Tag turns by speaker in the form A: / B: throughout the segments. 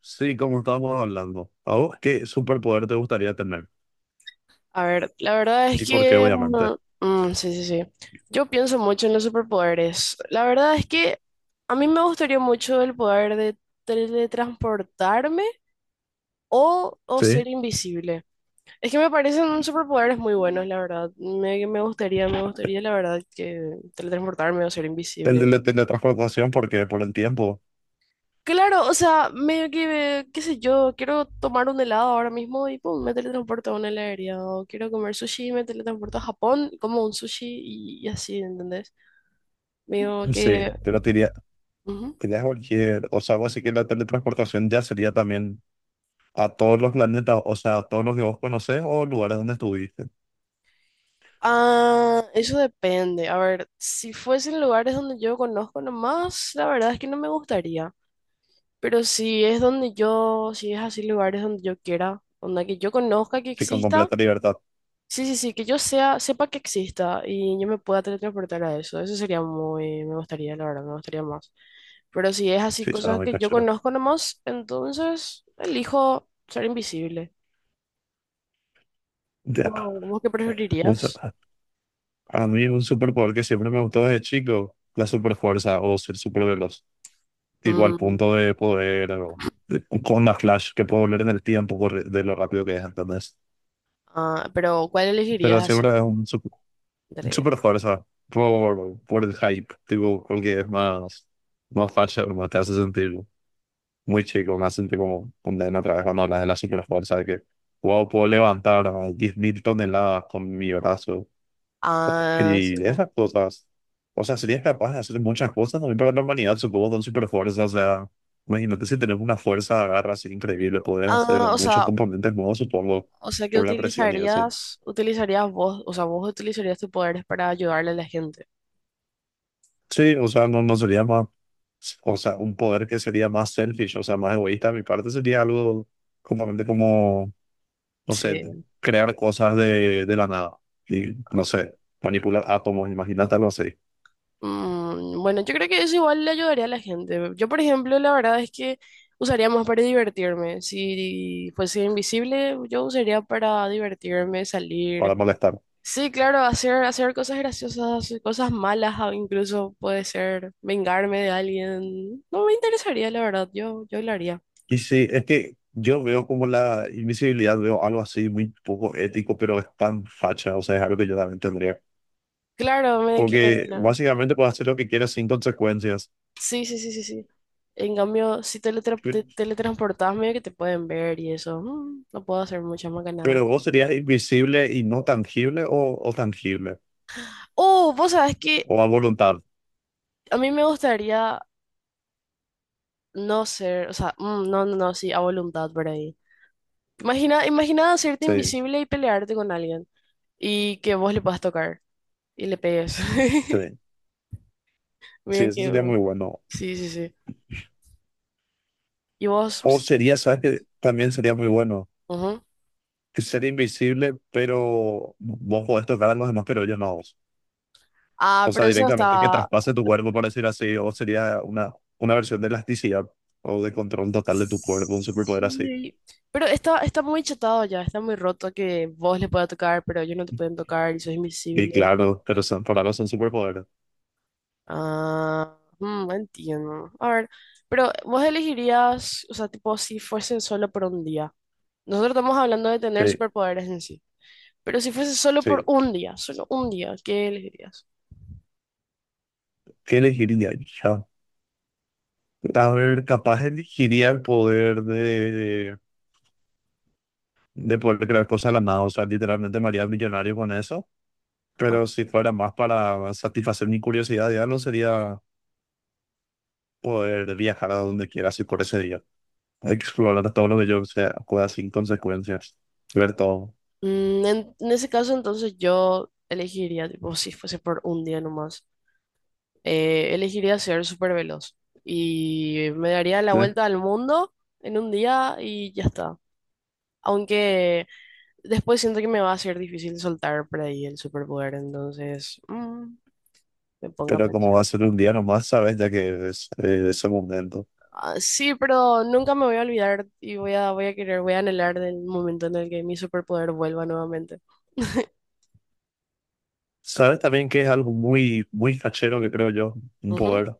A: Sí, como estábamos hablando. ¿A vos qué superpoder te gustaría tener?
B: A ver, la verdad es
A: ¿Y por qué,
B: que,
A: obviamente?
B: mm, mm, sí, sí, sí. Yo pienso mucho en los superpoderes. La verdad es que a mí me gustaría mucho el poder de teletransportarme o
A: Sí,
B: ser invisible. Es que me parecen superpoderes muy buenos, la verdad. Me gustaría, me gustaría, la verdad, que teletransportarme o ser
A: el de
B: invisible.
A: la teletransportación, porque por el tiempo.
B: Claro, o sea, medio que, qué sé yo, quiero tomar un helado ahora mismo y pum, me teletransporto a una heladería. O quiero comer sushi y me teletransporto a Japón, como un sushi y así, ¿entendés? Medio
A: Sí,
B: que.
A: te lo diría,
B: Ujú.
A: diría cualquier. O sea, vos sí que la teletransportación ya sería también a todos los planetas, o sea, a todos los que vos conocés o lugares donde estuviste.
B: Ah, eso depende. A ver, si fuesen lugares donde yo conozco nomás, la verdad es que no me gustaría. Pero si es donde yo, si es así lugares donde yo quiera, donde que yo conozca que
A: Sí, con
B: exista.
A: completa libertad.
B: Sí, sí, sí, que yo sea, sepa que exista y yo me pueda teletransportar a eso. Eso sería muy, me gustaría, la verdad, me gustaría más. Pero si es así,
A: Sí, suena
B: cosas
A: muy
B: que yo
A: cachorro.
B: conozco nomás, entonces elijo ser invisible.
A: Ya.
B: ¿Vos qué
A: eh, un su-
B: preferirías?
A: a mí un superpoder que siempre me gustó desde chico, la superfuerza o ser superveloz. Tipo al
B: Mm,
A: punto de poder, con la flash, que puedo volver en el tiempo por de lo rápido que es, ¿entendés?
B: ah, pero ¿cuál elegirías
A: Pero
B: así?
A: siempre es
B: Entre-
A: super, fuerza por el hype, tipo, porque es más, más fácil, más te hace sentir muy chico, me hace sentir como un nene otra vez cuando hablas de la super fuerza, de que, wow, puedo levantar a 10,000 toneladas con mi brazo,
B: Ah, sí.
A: y esas cosas. O sea, serías capaz de hacer muchas cosas también para la humanidad, supongo, con super fuerza. O sea, imagínate si tenés una fuerza de agarra así increíble, poder hacer
B: Ah,
A: muchos componentes nuevos, supongo,
B: o sea que
A: por la presión y eso.
B: utilizarías, utilizarías vos, o sea, vos utilizarías tus poderes para ayudarle a la gente.
A: Sí, o sea, no, sería más. O sea, un poder que sería más selfish, o sea, más egoísta. De mi parte sería algo completamente como, no sé,
B: Sí.
A: crear cosas de la nada. Y, no sé, manipular átomos, imagínate algo así,
B: Bueno, yo creo que eso igual le ayudaría a la gente. Yo, por ejemplo, la verdad es que usaría más para divertirme. Si fuese invisible, yo usaría para divertirme, salir.
A: para molestar.
B: Sí, claro, hacer, hacer cosas graciosas, cosas malas, o incluso puede ser vengarme de alguien. No me interesaría, la verdad, yo lo haría.
A: Y sí, es que yo veo como la invisibilidad, veo algo así muy poco ético, pero es tan facha, o sea, es algo que yo también tendría.
B: Claro.
A: Porque básicamente puedes hacer lo que quieras sin consecuencias.
B: Sí, sí, sí, sí, sí. En cambio, si teletra
A: Pe-
B: te teletransportás, medio que te pueden ver y eso. No puedo hacer muchas
A: Pero
B: macanadas.
A: vos serías invisible y no tangible o tangible,
B: Oh, vos sabés que
A: o a voluntad.
B: a mí me gustaría no ser, o sea, no, no, no, sí, a voluntad por ahí. Imagina, imagina hacerte
A: Sí,
B: invisible y pelearte con alguien y que vos le puedas tocar y le pegues.
A: sí, sí,
B: Mira
A: eso sería
B: que,
A: muy bueno.
B: sí, sí, sí. Y vos,
A: O
B: sí,
A: sería, ¿sabes
B: sí.
A: qué? También sería muy bueno.
B: Ujú.
A: Que ser invisible, pero vos podés tocar a los demás, pero yo no.
B: Ah,
A: O
B: pero
A: sea,
B: eso
A: directamente que
B: está,
A: traspase tu cuerpo, por decir así, o sería una versión de elasticidad o de control total de tu cuerpo, un superpoder así.
B: sí, pero está muy chatado ya, está muy roto que vos le puedas tocar, pero ellos no te pueden tocar y sos
A: Y
B: invisible.
A: claro, pero son, por algo son superpoderes.
B: Ah, entiendo. A ver, pero vos elegirías, o sea, tipo, si fuese solo por un día. Nosotros estamos hablando de tener
A: Sí,
B: superpoderes en sí. Pero si fuese solo por
A: sí.
B: un día, solo un día, ¿qué elegirías?
A: ¿Qué elegiría? ¿Yo? A ver, capaz elegiría el poder de poder crear cosas de la nada, o sea, literalmente me haría millonario con eso,
B: Ajá.
A: pero si fuera más para satisfacer mi curiosidad, ya no sería poder viajar a donde quiera, así por ese día, explorar todo lo que yo sea, pueda sin consecuencias, ver todo.
B: En ese caso, entonces yo elegiría, tipo, si fuese por un día nomás, elegiría ser súper veloz. Y me daría la
A: Sí,
B: vuelta al mundo en un día y ya está. Aunque Después siento que me va a ser difícil soltar por ahí el superpoder, entonces me pongo a
A: pero
B: pensar.
A: como va a ser un día nomás, sabes, ya que es ese momento.
B: Ah, sí, pero nunca me voy a olvidar y voy a querer, voy a anhelar del momento en el que mi superpoder vuelva nuevamente.
A: Sabes también que es algo muy, muy cachero que creo yo, un
B: Ujú.
A: poder,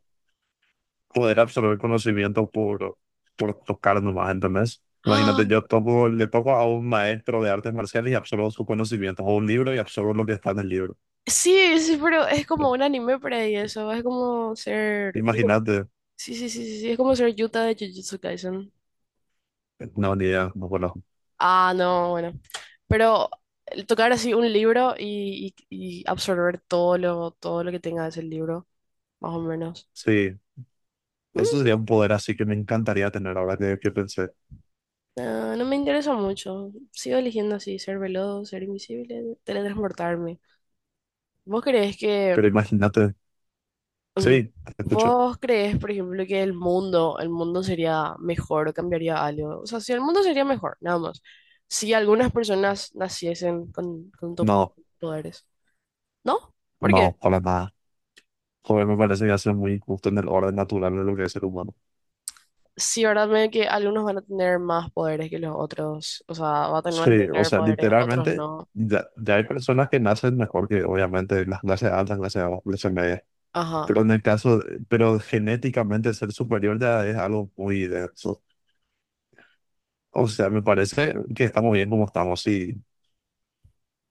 A: poder absorber conocimiento por, tocar nomás, ¿entendés?
B: ¡Ah!
A: Imagínate, yo toco, le toco a un maestro de artes marciales y absorbo su conocimiento o un libro y absorbo lo que está en el libro.
B: Sí, sí, pero es como
A: Eh,
B: un anime por ahí eso, es como ser.
A: Imagínate,
B: Sí, sí, sí, sí, sí, es como ser Yuta de Jujutsu Kaisen.
A: no, ni idea, no conozco.
B: Ah, no, bueno. Pero el tocar así un libro y absorber todo lo que tenga ese libro, más o menos.
A: Sí, eso
B: Mm,
A: sería un poder así que me encantaría tener ahora que, pensé.
B: no, no me interesa mucho. Sigo eligiendo así, ser veloz, ser invisible, teletransportarme. ¿Vos creés que,
A: Pero imagínate,
B: mm,
A: sí, te escucho.
B: vos creés, por ejemplo, que el mundo sería mejor o cambiaría algo? O sea, si el mundo sería mejor, nada más. Si algunas personas naciesen
A: No,
B: poderes, ¿no? Porque
A: no, para nada. Joder, me parece que hace muy justo en el orden natural de lo que es el humano.
B: sí, verdad, me que algunos van a tener más poderes que los otros. O sea, van a tener
A: Sí,
B: van a
A: o
B: tener
A: sea,
B: poderes, otros
A: literalmente,
B: no.
A: ya hay personas que nacen mejor que, obviamente, las clases altas, clases bajas, clases medias. Pero
B: Ajá.
A: en el caso, pero genéticamente ser superior ya es algo muy denso. O sea, me parece que estamos bien como estamos, sí.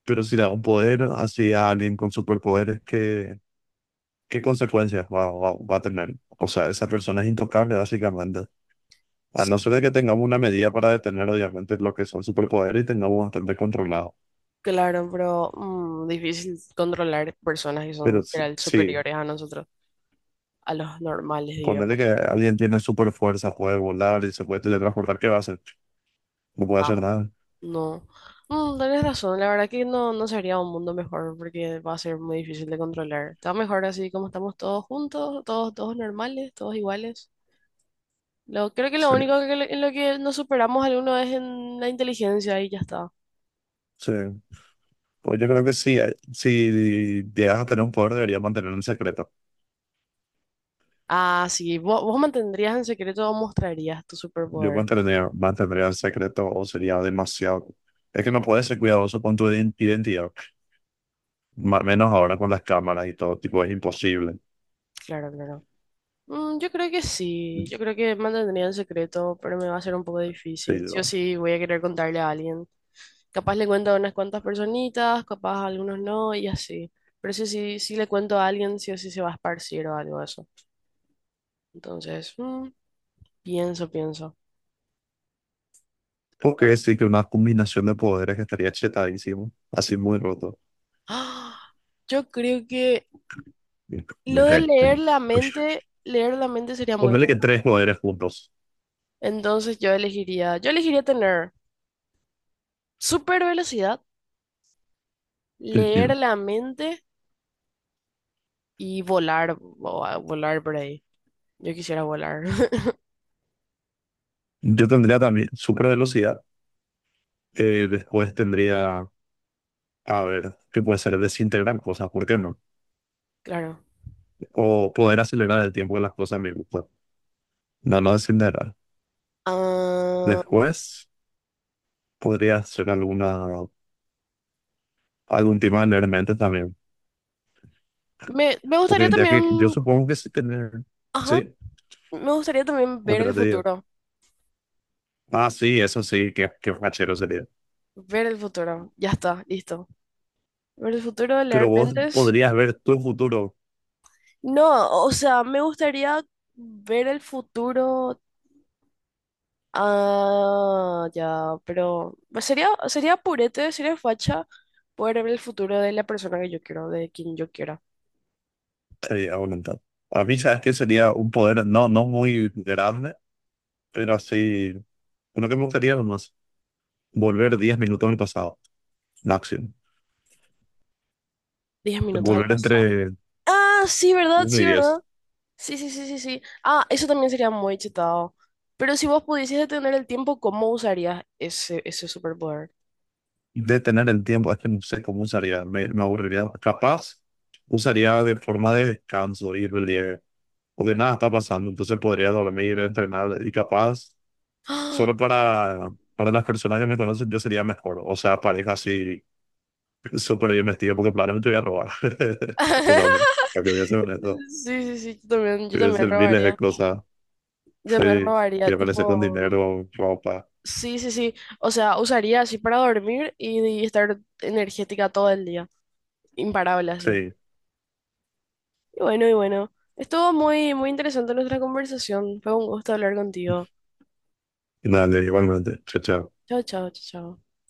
A: Pero si le da un poder así a alguien con superpoderes, ¿qué, consecuencias va, a tener? O sea, esa persona es intocable, básicamente. A no ser de que tengamos una medida para detener, obviamente, lo que son superpoderes y tengamos bastante controlado.
B: Claro, pero difícil controlar personas que son
A: Pero
B: literal
A: sí,
B: superiores a nosotros, a los normales,
A: ponerle
B: digamos.
A: que alguien tiene super fuerza, puede volar y se puede teletransportar, ¿qué va a hacer? No puede
B: No,
A: hacer nada.
B: no. Tenés razón, la verdad que no, no sería un mundo mejor porque va a ser muy difícil de controlar. Está mejor así como estamos todos juntos, todos, todos normales, todos iguales. Creo que lo
A: Sí,
B: único que, en lo que nos superamos alguno es en la inteligencia y ya está.
A: sí. Pues yo creo que sí, si llegas a tener un poder, deberías mantenerlo en secreto.
B: Ah, sí, vos mantendrías en secreto o mostrarías tu
A: Yo
B: superpoder.
A: mantendría en secreto o sería demasiado. Es que no puedes ser cuidadoso con tu identidad, menos ahora con las cámaras y todo, tipo, es imposible.
B: Claro, claro. Yo creo que sí, yo creo que mantendría en secreto, pero me va a ser un poco
A: Sí,
B: difícil. Sí o
A: no.
B: sí voy a querer contarle a alguien. Capaz le cuento a unas cuantas personitas, capaz a algunos no, y así. Pero sí, sí, sí le cuento a alguien, sí o sí se va a esparcir o algo de eso. Entonces, pienso, pienso.
A: Ok, sí, que una combinación de poderes estaría chetadísimo, así muy roto.
B: ¡Ah! Yo creo que lo de leer la mente sería muy bueno.
A: Ponele que tres poderes juntos.
B: Entonces yo elegiría tener super velocidad, leer la mente y volar, o volar por ahí. Yo quisiera volar,
A: Yo tendría también super velocidad. Después tendría, a ver, que puede ser desintegrar cosas, ¿por qué no?
B: claro.
A: O poder acelerar el tiempo de las cosas en mi grupo. No, no desintegrar.
B: Ah,
A: Después podría ser algún tema de leer mentes también.
B: me gustaría
A: Porque ya que yo
B: también,
A: supongo que sí tener,
B: ajá,
A: sí,
B: me gustaría también
A: otra te digo. Ah, sí, eso sí, que qué fachero sería.
B: ver el futuro, ya está, listo. Ver el futuro,
A: Pero
B: leer
A: vos
B: mentes.
A: podrías ver tu futuro,
B: No, o sea, me gustaría ver el futuro, ah, ya, pero sería purete, sería facha poder ver el futuro de la persona que yo quiero, de quien yo quiera.
A: sería aumentado. A mí, sabes que sería un poder no, no muy grande, pero así, uno que me gustaría nomás, volver 10 minutos al pasado, máximo.
B: 10 minutos al
A: Volver
B: pasado.
A: entre
B: Ah, sí, ¿verdad?
A: uno
B: Sí,
A: y
B: ¿verdad?
A: diez
B: Sí, sí, sí, sí, sí. Ah, eso también sería muy chetado. Pero si vos pudieses detener el tiempo, ¿cómo usarías ese superpoder?
A: Detener el tiempo, es que no sé cómo usaría, me, aburriría. Capaz, usaría de forma de descanso, ir libre, porque nada está pasando, entonces podría dormir, entrenar, y capaz,
B: ¡Ah!
A: solo para las personas que me conocen, yo sería mejor. O sea, pareja así súper bien vestido porque probablemente voy a robar. O sea, no, que voy a ser honesto.
B: Sí, sí, sí, yo
A: Voy a
B: también
A: hacer miles de
B: robaría.
A: cosas.
B: Yo
A: Sí,
B: también robaría,
A: voy a aparecer con
B: tipo,
A: dinero, ropa.
B: sí, sí, sí. O sea, usaría así para dormir y estar energética todo el día. Imparable así.
A: Sí,
B: Y bueno, y bueno. Estuvo muy, muy interesante nuestra conversación. Fue un gusto hablar contigo.
A: y nada, igualmente. Chao, chao.
B: Chao, chao, chao, chao.